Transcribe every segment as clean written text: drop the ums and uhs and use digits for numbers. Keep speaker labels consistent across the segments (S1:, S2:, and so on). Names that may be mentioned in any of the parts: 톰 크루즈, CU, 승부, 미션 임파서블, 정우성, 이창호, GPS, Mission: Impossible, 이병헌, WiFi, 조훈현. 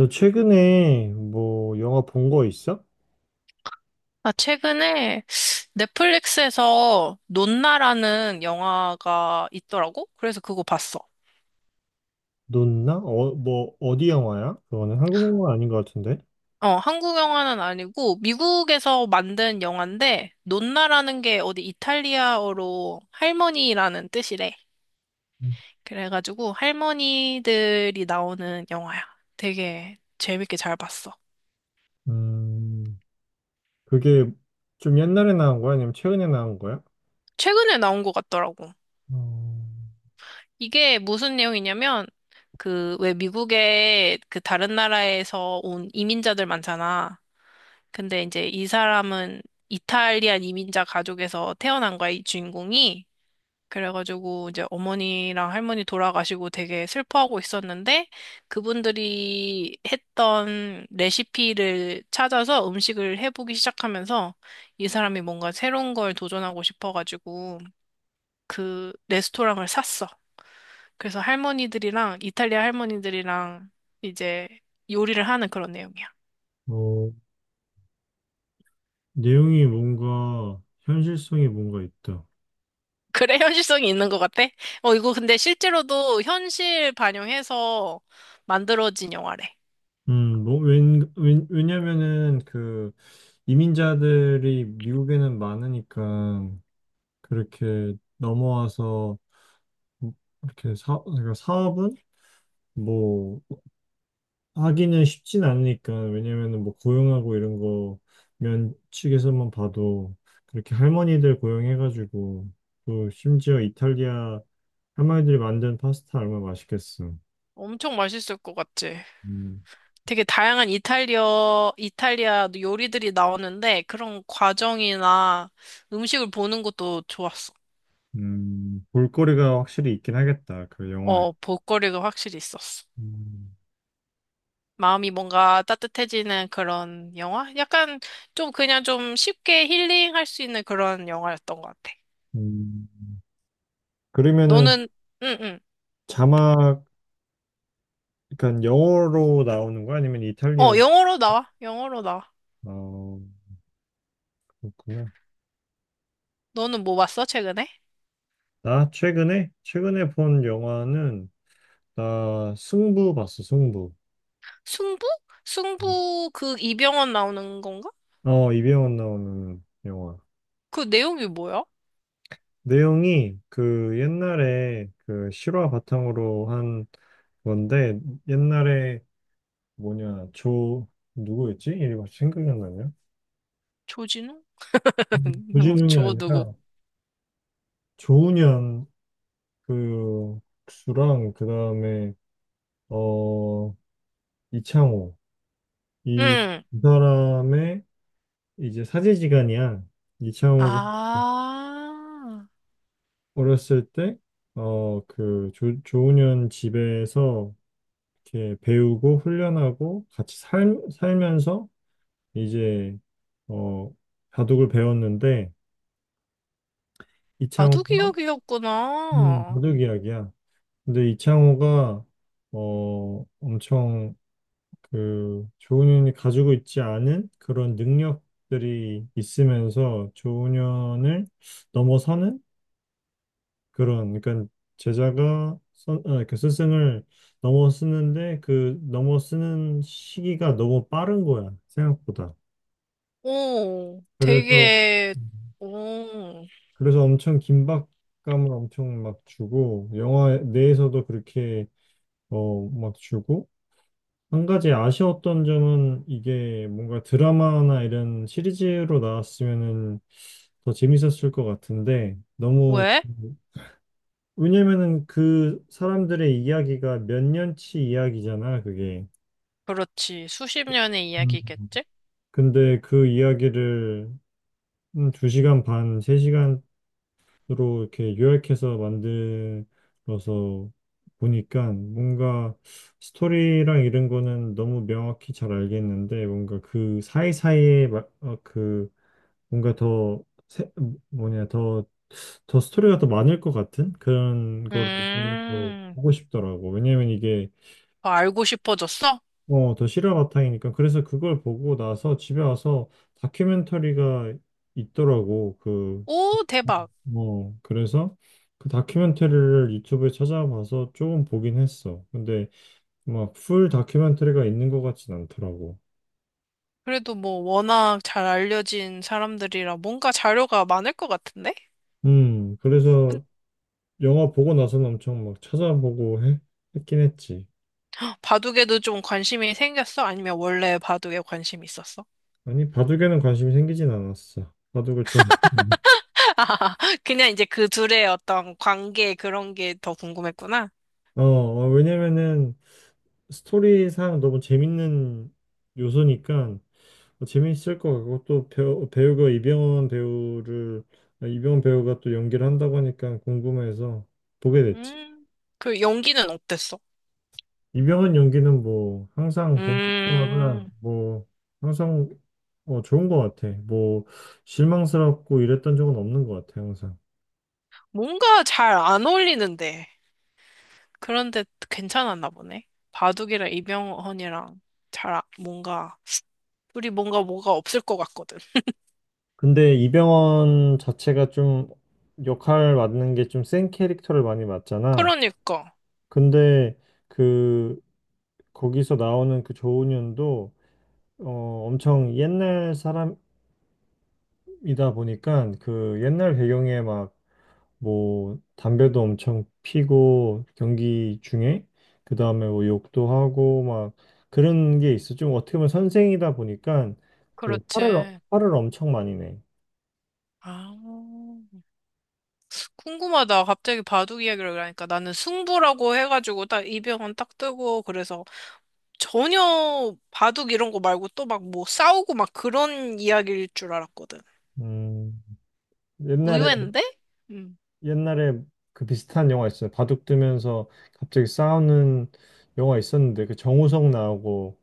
S1: 너 최근에 뭐 영화 본 거 있어?
S2: 아, 최근에 넷플릭스에서 논나라는 영화가 있더라고? 그래서 그거 봤어.
S1: 넌나? 어, 뭐 어디 영화야? 그거는 한국 영화 아닌 것 같은데.
S2: 어, 한국 영화는 아니고 미국에서 만든 영화인데 논나라는 게 어디 이탈리아어로 할머니라는 뜻이래. 그래가지고 할머니들이 나오는 영화야. 되게 재밌게 잘 봤어.
S1: 음, 그게 좀 옛날에 나온 거야? 아니면 최근에 나온 거야?
S2: 최근에 나온 것 같더라고.
S1: 어,
S2: 이게 무슨 내용이냐면 그 왜 미국에 그 다른 나라에서 온 이민자들 많잖아. 근데 이제 이 사람은 이탈리안 이민자 가족에서 태어난 거야, 이 주인공이. 그래가지고 이제 어머니랑 할머니 돌아가시고 되게 슬퍼하고 있었는데 그분들이 했던 레시피를 찾아서 음식을 해보기 시작하면서 이 사람이 뭔가 새로운 걸 도전하고 싶어가지고 그 레스토랑을 샀어. 그래서 할머니들이랑 이탈리아 할머니들이랑 이제 요리를 하는 그런 내용이야.
S1: 어, 내용이 뭔가 현실성이 뭔가 있다.
S2: 그래, 현실성이 있는 것 같아? 어, 이거 근데 실제로도 현실 반영해서 만들어진 영화래.
S1: 뭐, 왜냐면은 그 이민자들이 미국에는 많으니까 그렇게 넘어와서 이렇게 그러니까 사업은 뭐 하기는 쉽진 않으니까, 왜냐면은 뭐 고용하고 이런 거, 면 측에서만 봐도 그렇게 할머니들 고용해가지고, 또 심지어 이탈리아 할머니들이 만든 파스타 얼마나 맛있겠어.
S2: 엄청 맛있을 것 같지?
S1: 음,
S2: 되게 다양한 이탈리아, 이탈리아 요리들이 나오는데 그런 과정이나 음식을 보는 것도 좋았어.
S1: 볼거리가 확실히 있긴 하겠다 그 영화에.
S2: 어, 볼거리가 확실히 있었어.
S1: 음,
S2: 마음이 뭔가 따뜻해지는 그런 영화? 약간 좀 그냥 좀 쉽게 힐링할 수 있는 그런 영화였던 것 같아.
S1: 음. 그러면은
S2: 너는, 응, 응.
S1: 자막, 그러니까 영어로 나오는 거야 아니면 이탈리아?
S2: 어, 영어로 나와. 영어로 나와.
S1: 어, 그렇구나.
S2: 너는 뭐 봤어, 최근에?
S1: 나 최근에 본 영화는, 나 승부 봤어, 승부.
S2: 승부? 승부 그 이병헌 나오는 건가?
S1: 어, 이병헌 나오는 영화.
S2: 그 내용이 뭐야?
S1: 내용이 그 옛날에 그 실화 바탕으로 한 건데, 옛날에 뭐냐 조 누구였지? 이리이갑, 생각이 안 나냐?
S2: 조진우?
S1: 음.
S2: 누구?
S1: 조진웅이
S2: 조 누구?
S1: 아니라 조훈현, 그 국수랑, 그 다음에 어 이창호, 이
S2: 응.
S1: 두 사람의 이제 사제지간이야. 이창호가
S2: 아,
S1: 어렸을 때 그 조훈현 집에서 이렇게 배우고 훈련하고 같이 살면서 이제 어, 바둑을 배웠는데, 이창호가
S2: 바둑이야기였구나.
S1: 바둑 이야기야. 근데 이창호가 엄청 그 조훈현이 가지고 있지 않은 그런 능력들이 있으면서 조훈현을 넘어서는, 그런, 그러니까 제자가 그 스승을 넘어서는데, 그 넘어서는 시기가 너무 빠른 거야, 생각보다.
S2: 오,
S1: 그래서,
S2: 되게, 오,
S1: 엄청 긴박감을 엄청 막 주고, 영화 내에서도 그렇게 막 주고. 한 가지 아쉬웠던 점은, 이게 뭔가 드라마나 이런 시리즈로 나왔으면은 더 재밌었을 것 같은데 너무,
S2: 왜?
S1: 왜냐면은 그 사람들의 이야기가 몇 년치 이야기잖아 그게.
S2: 그렇지. 수십 년의
S1: 음.
S2: 이야기겠지?
S1: 근데 그 이야기를 시간 반, 세시간 로 이렇게 요약해서 만들어서 보니까, 뭔가 스토리랑 이런 거는 너무 명확히 잘 알겠는데, 뭔가 그 사이사이에 그 뭔가 더 세- 뭐냐, 더, 스토리가 더 많을 것 같은 그런 거를 보면서
S2: 음,
S1: 보고 싶더라고. 왜냐면 이게
S2: 더 알고 싶어졌어?
S1: 더 실화 바탕이니까. 그래서 그걸 보고 나서 집에 와서 다큐멘터리가 있더라고. 그
S2: 오, 대박.
S1: 그래서 그 다큐멘터리를 유튜브에 찾아봐서 조금 보긴 했어. 근데 막 풀 다큐멘터리가 있는 것 같진 않더라고.
S2: 그래도 뭐 워낙 잘 알려진 사람들이라 뭔가 자료가 많을 것 같은데?
S1: 그래서 영화 보고 나서는 엄청 막 찾아보고 했긴 했지.
S2: 바둑에도 좀 관심이 생겼어? 아니면 원래 바둑에 관심이 있었어?
S1: 아니, 바둑에는 관심이 생기진 않았어. 바둑을 좋아.
S2: 그냥 이제 그 둘의 어떤 관계 그런 게 더 궁금했구나.
S1: 어, 어, 왜냐면은 스토리상 너무 재밌는 요소니까 뭐 재미있을 것 같고, 또 배우가 이병헌 배우를, 이병헌 배우가 또 연기를 한다고 하니까 궁금해서 보게 됐지.
S2: 음, 그 연기는 어땠어?
S1: 이병헌 연기는, 뭐 항상 볼 때마다
S2: 음,
S1: 뭐 항상 좋은 것 같아. 뭐 실망스럽고 이랬던 적은 없는 것 같아, 항상.
S2: 뭔가 잘 안 어울리는데. 그런데 괜찮았나 보네. 바둑이랑 이병헌이랑 잘, 아- 뭔가, 둘이 뭔가 뭐가 없을 것 같거든.
S1: 근데 이병헌 자체가 좀 역할 맡는 게, 좀 센 캐릭터를 많이 맡잖아.
S2: 그러니까.
S1: 근데 그 거기서 나오는 그 조은현도 엄청 옛날 사람, 이다 보니까, 그 옛날 배경에 막, 뭐 담배도 엄청 피고 경기 중에, 그 다음에 뭐 욕도 하고 막, 그런 게 있어. 좀 어떻게 보면 선생이다 보니까 그
S2: 그렇지.
S1: 화를 엄청 많이 내.
S2: 아. 궁금하다. 갑자기 바둑 이야기를 하니까 나는 승부라고 해가지고 딱 이병헌 딱 뜨고 그래서 전혀 바둑 이런 거 말고 또 막 뭐 싸우고 막 그런 이야기일 줄 알았거든.
S1: 음 옛날에,
S2: 의외인데? 음.
S1: 옛날에 그 비슷한 영화 있어요. 바둑 두면서 갑자기 싸우는 영화 있었는데, 그 정우성 나오고.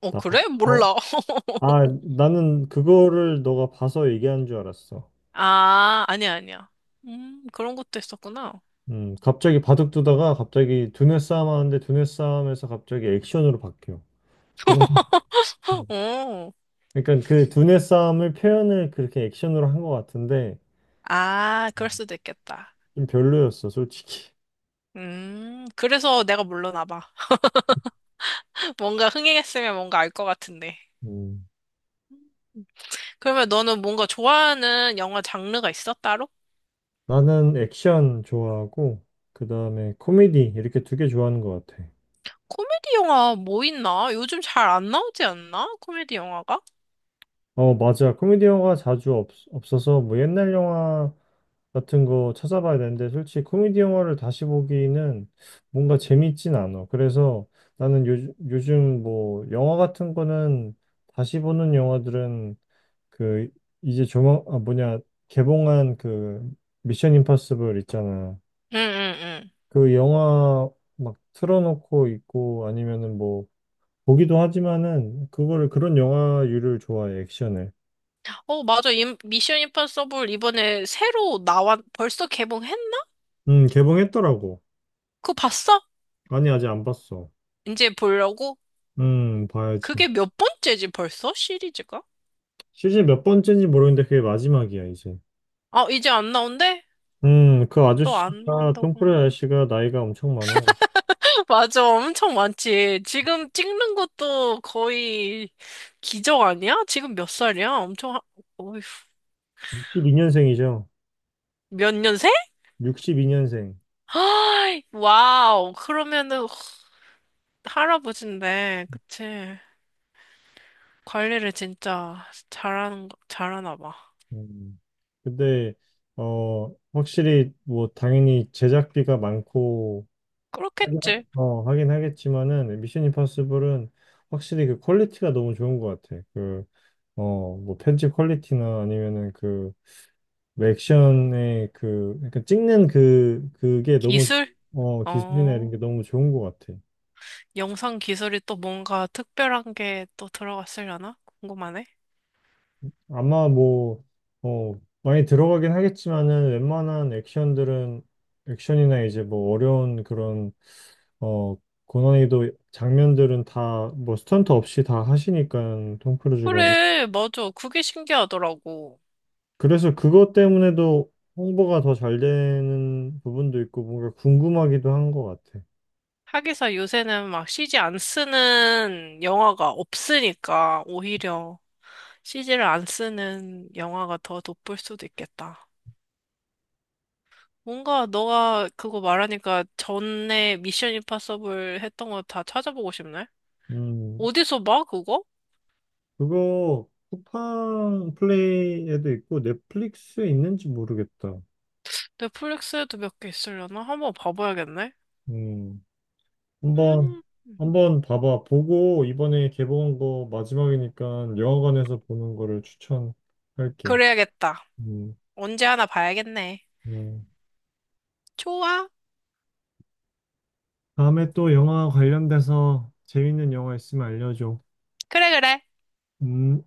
S2: 어,
S1: 나.
S2: 그래?
S1: 어?
S2: 몰라.
S1: 아, 나는 그거를 너가 봐서 얘기한 줄 알았어.
S2: 아, 아니야, 아니야. 그런 것도 있었구나.
S1: 갑자기 바둑 두다가, 갑자기 두뇌 싸움 하는데 두뇌 싸움에서 갑자기 액션으로 바뀌어. 그런. 어.
S2: 어.
S1: 그러니까 그 두뇌 싸움을 표현을 그렇게 액션으로 한 것 같은데,
S2: 아, 그럴 수도 있겠다.
S1: 좀 별로였어, 솔직히.
S2: 그래서 내가 몰랐나 봐. 뭔가 흥행했으면 뭔가 알 것 같은데.
S1: 음,
S2: 그러면 너는 뭔가 좋아하는 영화 장르가 있어, 따로?
S1: 나는 액션 좋아하고, 그 다음에 코미디, 이렇게 두 개 좋아하는 것 같아.
S2: 코미디 영화 뭐 있나? 요즘 잘 안 나오지 않나? 코미디 영화가?
S1: 어, 맞아. 코미디 영화가 자주 없어서 뭐 옛날 영화 같은 거 찾아봐야 되는데, 솔직히 코미디 영화를 다시 보기는 뭔가 재밌진 않아. 그래서 나는 요즘 뭐 영화 같은 거는, 다시 보는 영화들은 그 이제 조만 아 뭐냐, 개봉한 그 미션 임파서블 있잖아.
S2: 응응응.
S1: 그 영화 막 틀어놓고 있고, 아니면은 뭐 보기도 하지만은, 그거를, 그런 영화류를 좋아해 액션을.
S2: 어, 맞아. 임- 미션 임파서블 이번에 새로 나왔, 벌써 개봉했나?
S1: 개봉했더라고.
S2: 그거 봤어?
S1: 아니, 아직 안 봤어.
S2: 이제 보려고?
S1: 봐야지.
S2: 그게 몇 번째지 벌써? 시리즈가?
S1: 시즌 몇 번째인지 모르겠는데 그게 마지막이야, 이제.
S2: 아, 이제 안 나온대?
S1: 그
S2: 또 안
S1: 아저씨가,
S2: 나온다고
S1: 톰 크루즈
S2: 하니.
S1: 아저씨가 나이가 엄청 많아.
S2: 맞아. 엄청 많지. 지금 찍는 것도 거의 기적 아니야? 지금 몇 살이야? 엄청, 하... 어휴,
S1: 62년생이죠.
S2: 몇 년생?
S1: 62년생.
S2: 아, 와우. 그러면은 할아버지인데, 그치? 관리를 진짜 잘하는 거, 잘하나 봐.
S1: 음. 근데, 확실히, 뭐, 당연히 제작비가 많고, 하긴, 하-
S2: 그렇겠지.
S1: 하긴 하겠지만은, 미션 임파서블은 확실히 그 퀄리티가 너무 좋은 것 같아. 그, 뭐, 편집 퀄리티나, 아니면은 그 왜 액션의 그 약간 찍는, 그게 너무,
S2: 기술?
S1: 기술이나 이런
S2: 어,
S1: 게 너무 좋은 것 같아.
S2: 영상 기술이 또 뭔가 특별한 게 또 들어갔으려나? 궁금하네.
S1: 아마 뭐어 많이 들어가긴 하겠지만은, 웬만한 액션들은, 액션이나 이제 뭐 어려운 그런, 어 고난이도 장면들은 다 뭐 스턴트 없이 다 하시니까, 톰 크루즈가.
S2: 그래, 맞아. 그게 신기하더라고.
S1: 그래서 그것 때문에도 홍보가 더 잘 되는 부분도 있고, 뭔가 궁금하기도 한 것 같아.
S2: 하기사 요새는 막 CG 안 쓰는 영화가 없으니까 오히려 CG를 안 쓰는 영화가 더 돋볼 수도 있겠다. 뭔가 너가 그거 말하니까 전에 미션 임파서블 했던 거 다 찾아보고 싶네?
S1: 음
S2: 어디서 봐, 그거?
S1: 그거 쿠팡 플레이에도 있고 넷플릭스에 있는지 모르겠다.
S2: 넷플릭스에도 몇 개 있으려나? 한번 봐봐야겠네.
S1: 음, 한번
S2: 음,
S1: 한번 봐봐. 보고 이번에 개봉한 거 마지막이니까 영화관에서 보는 거를 추천할게.
S2: 그래야겠다.
S1: 음,
S2: 언제 하나 봐야겠네.
S1: 음.
S2: 좋아.
S1: 다음에 또 영화 관련돼서 재밌는 영화 있으면 알려줘.
S2: 그래, 그래.
S1: 음.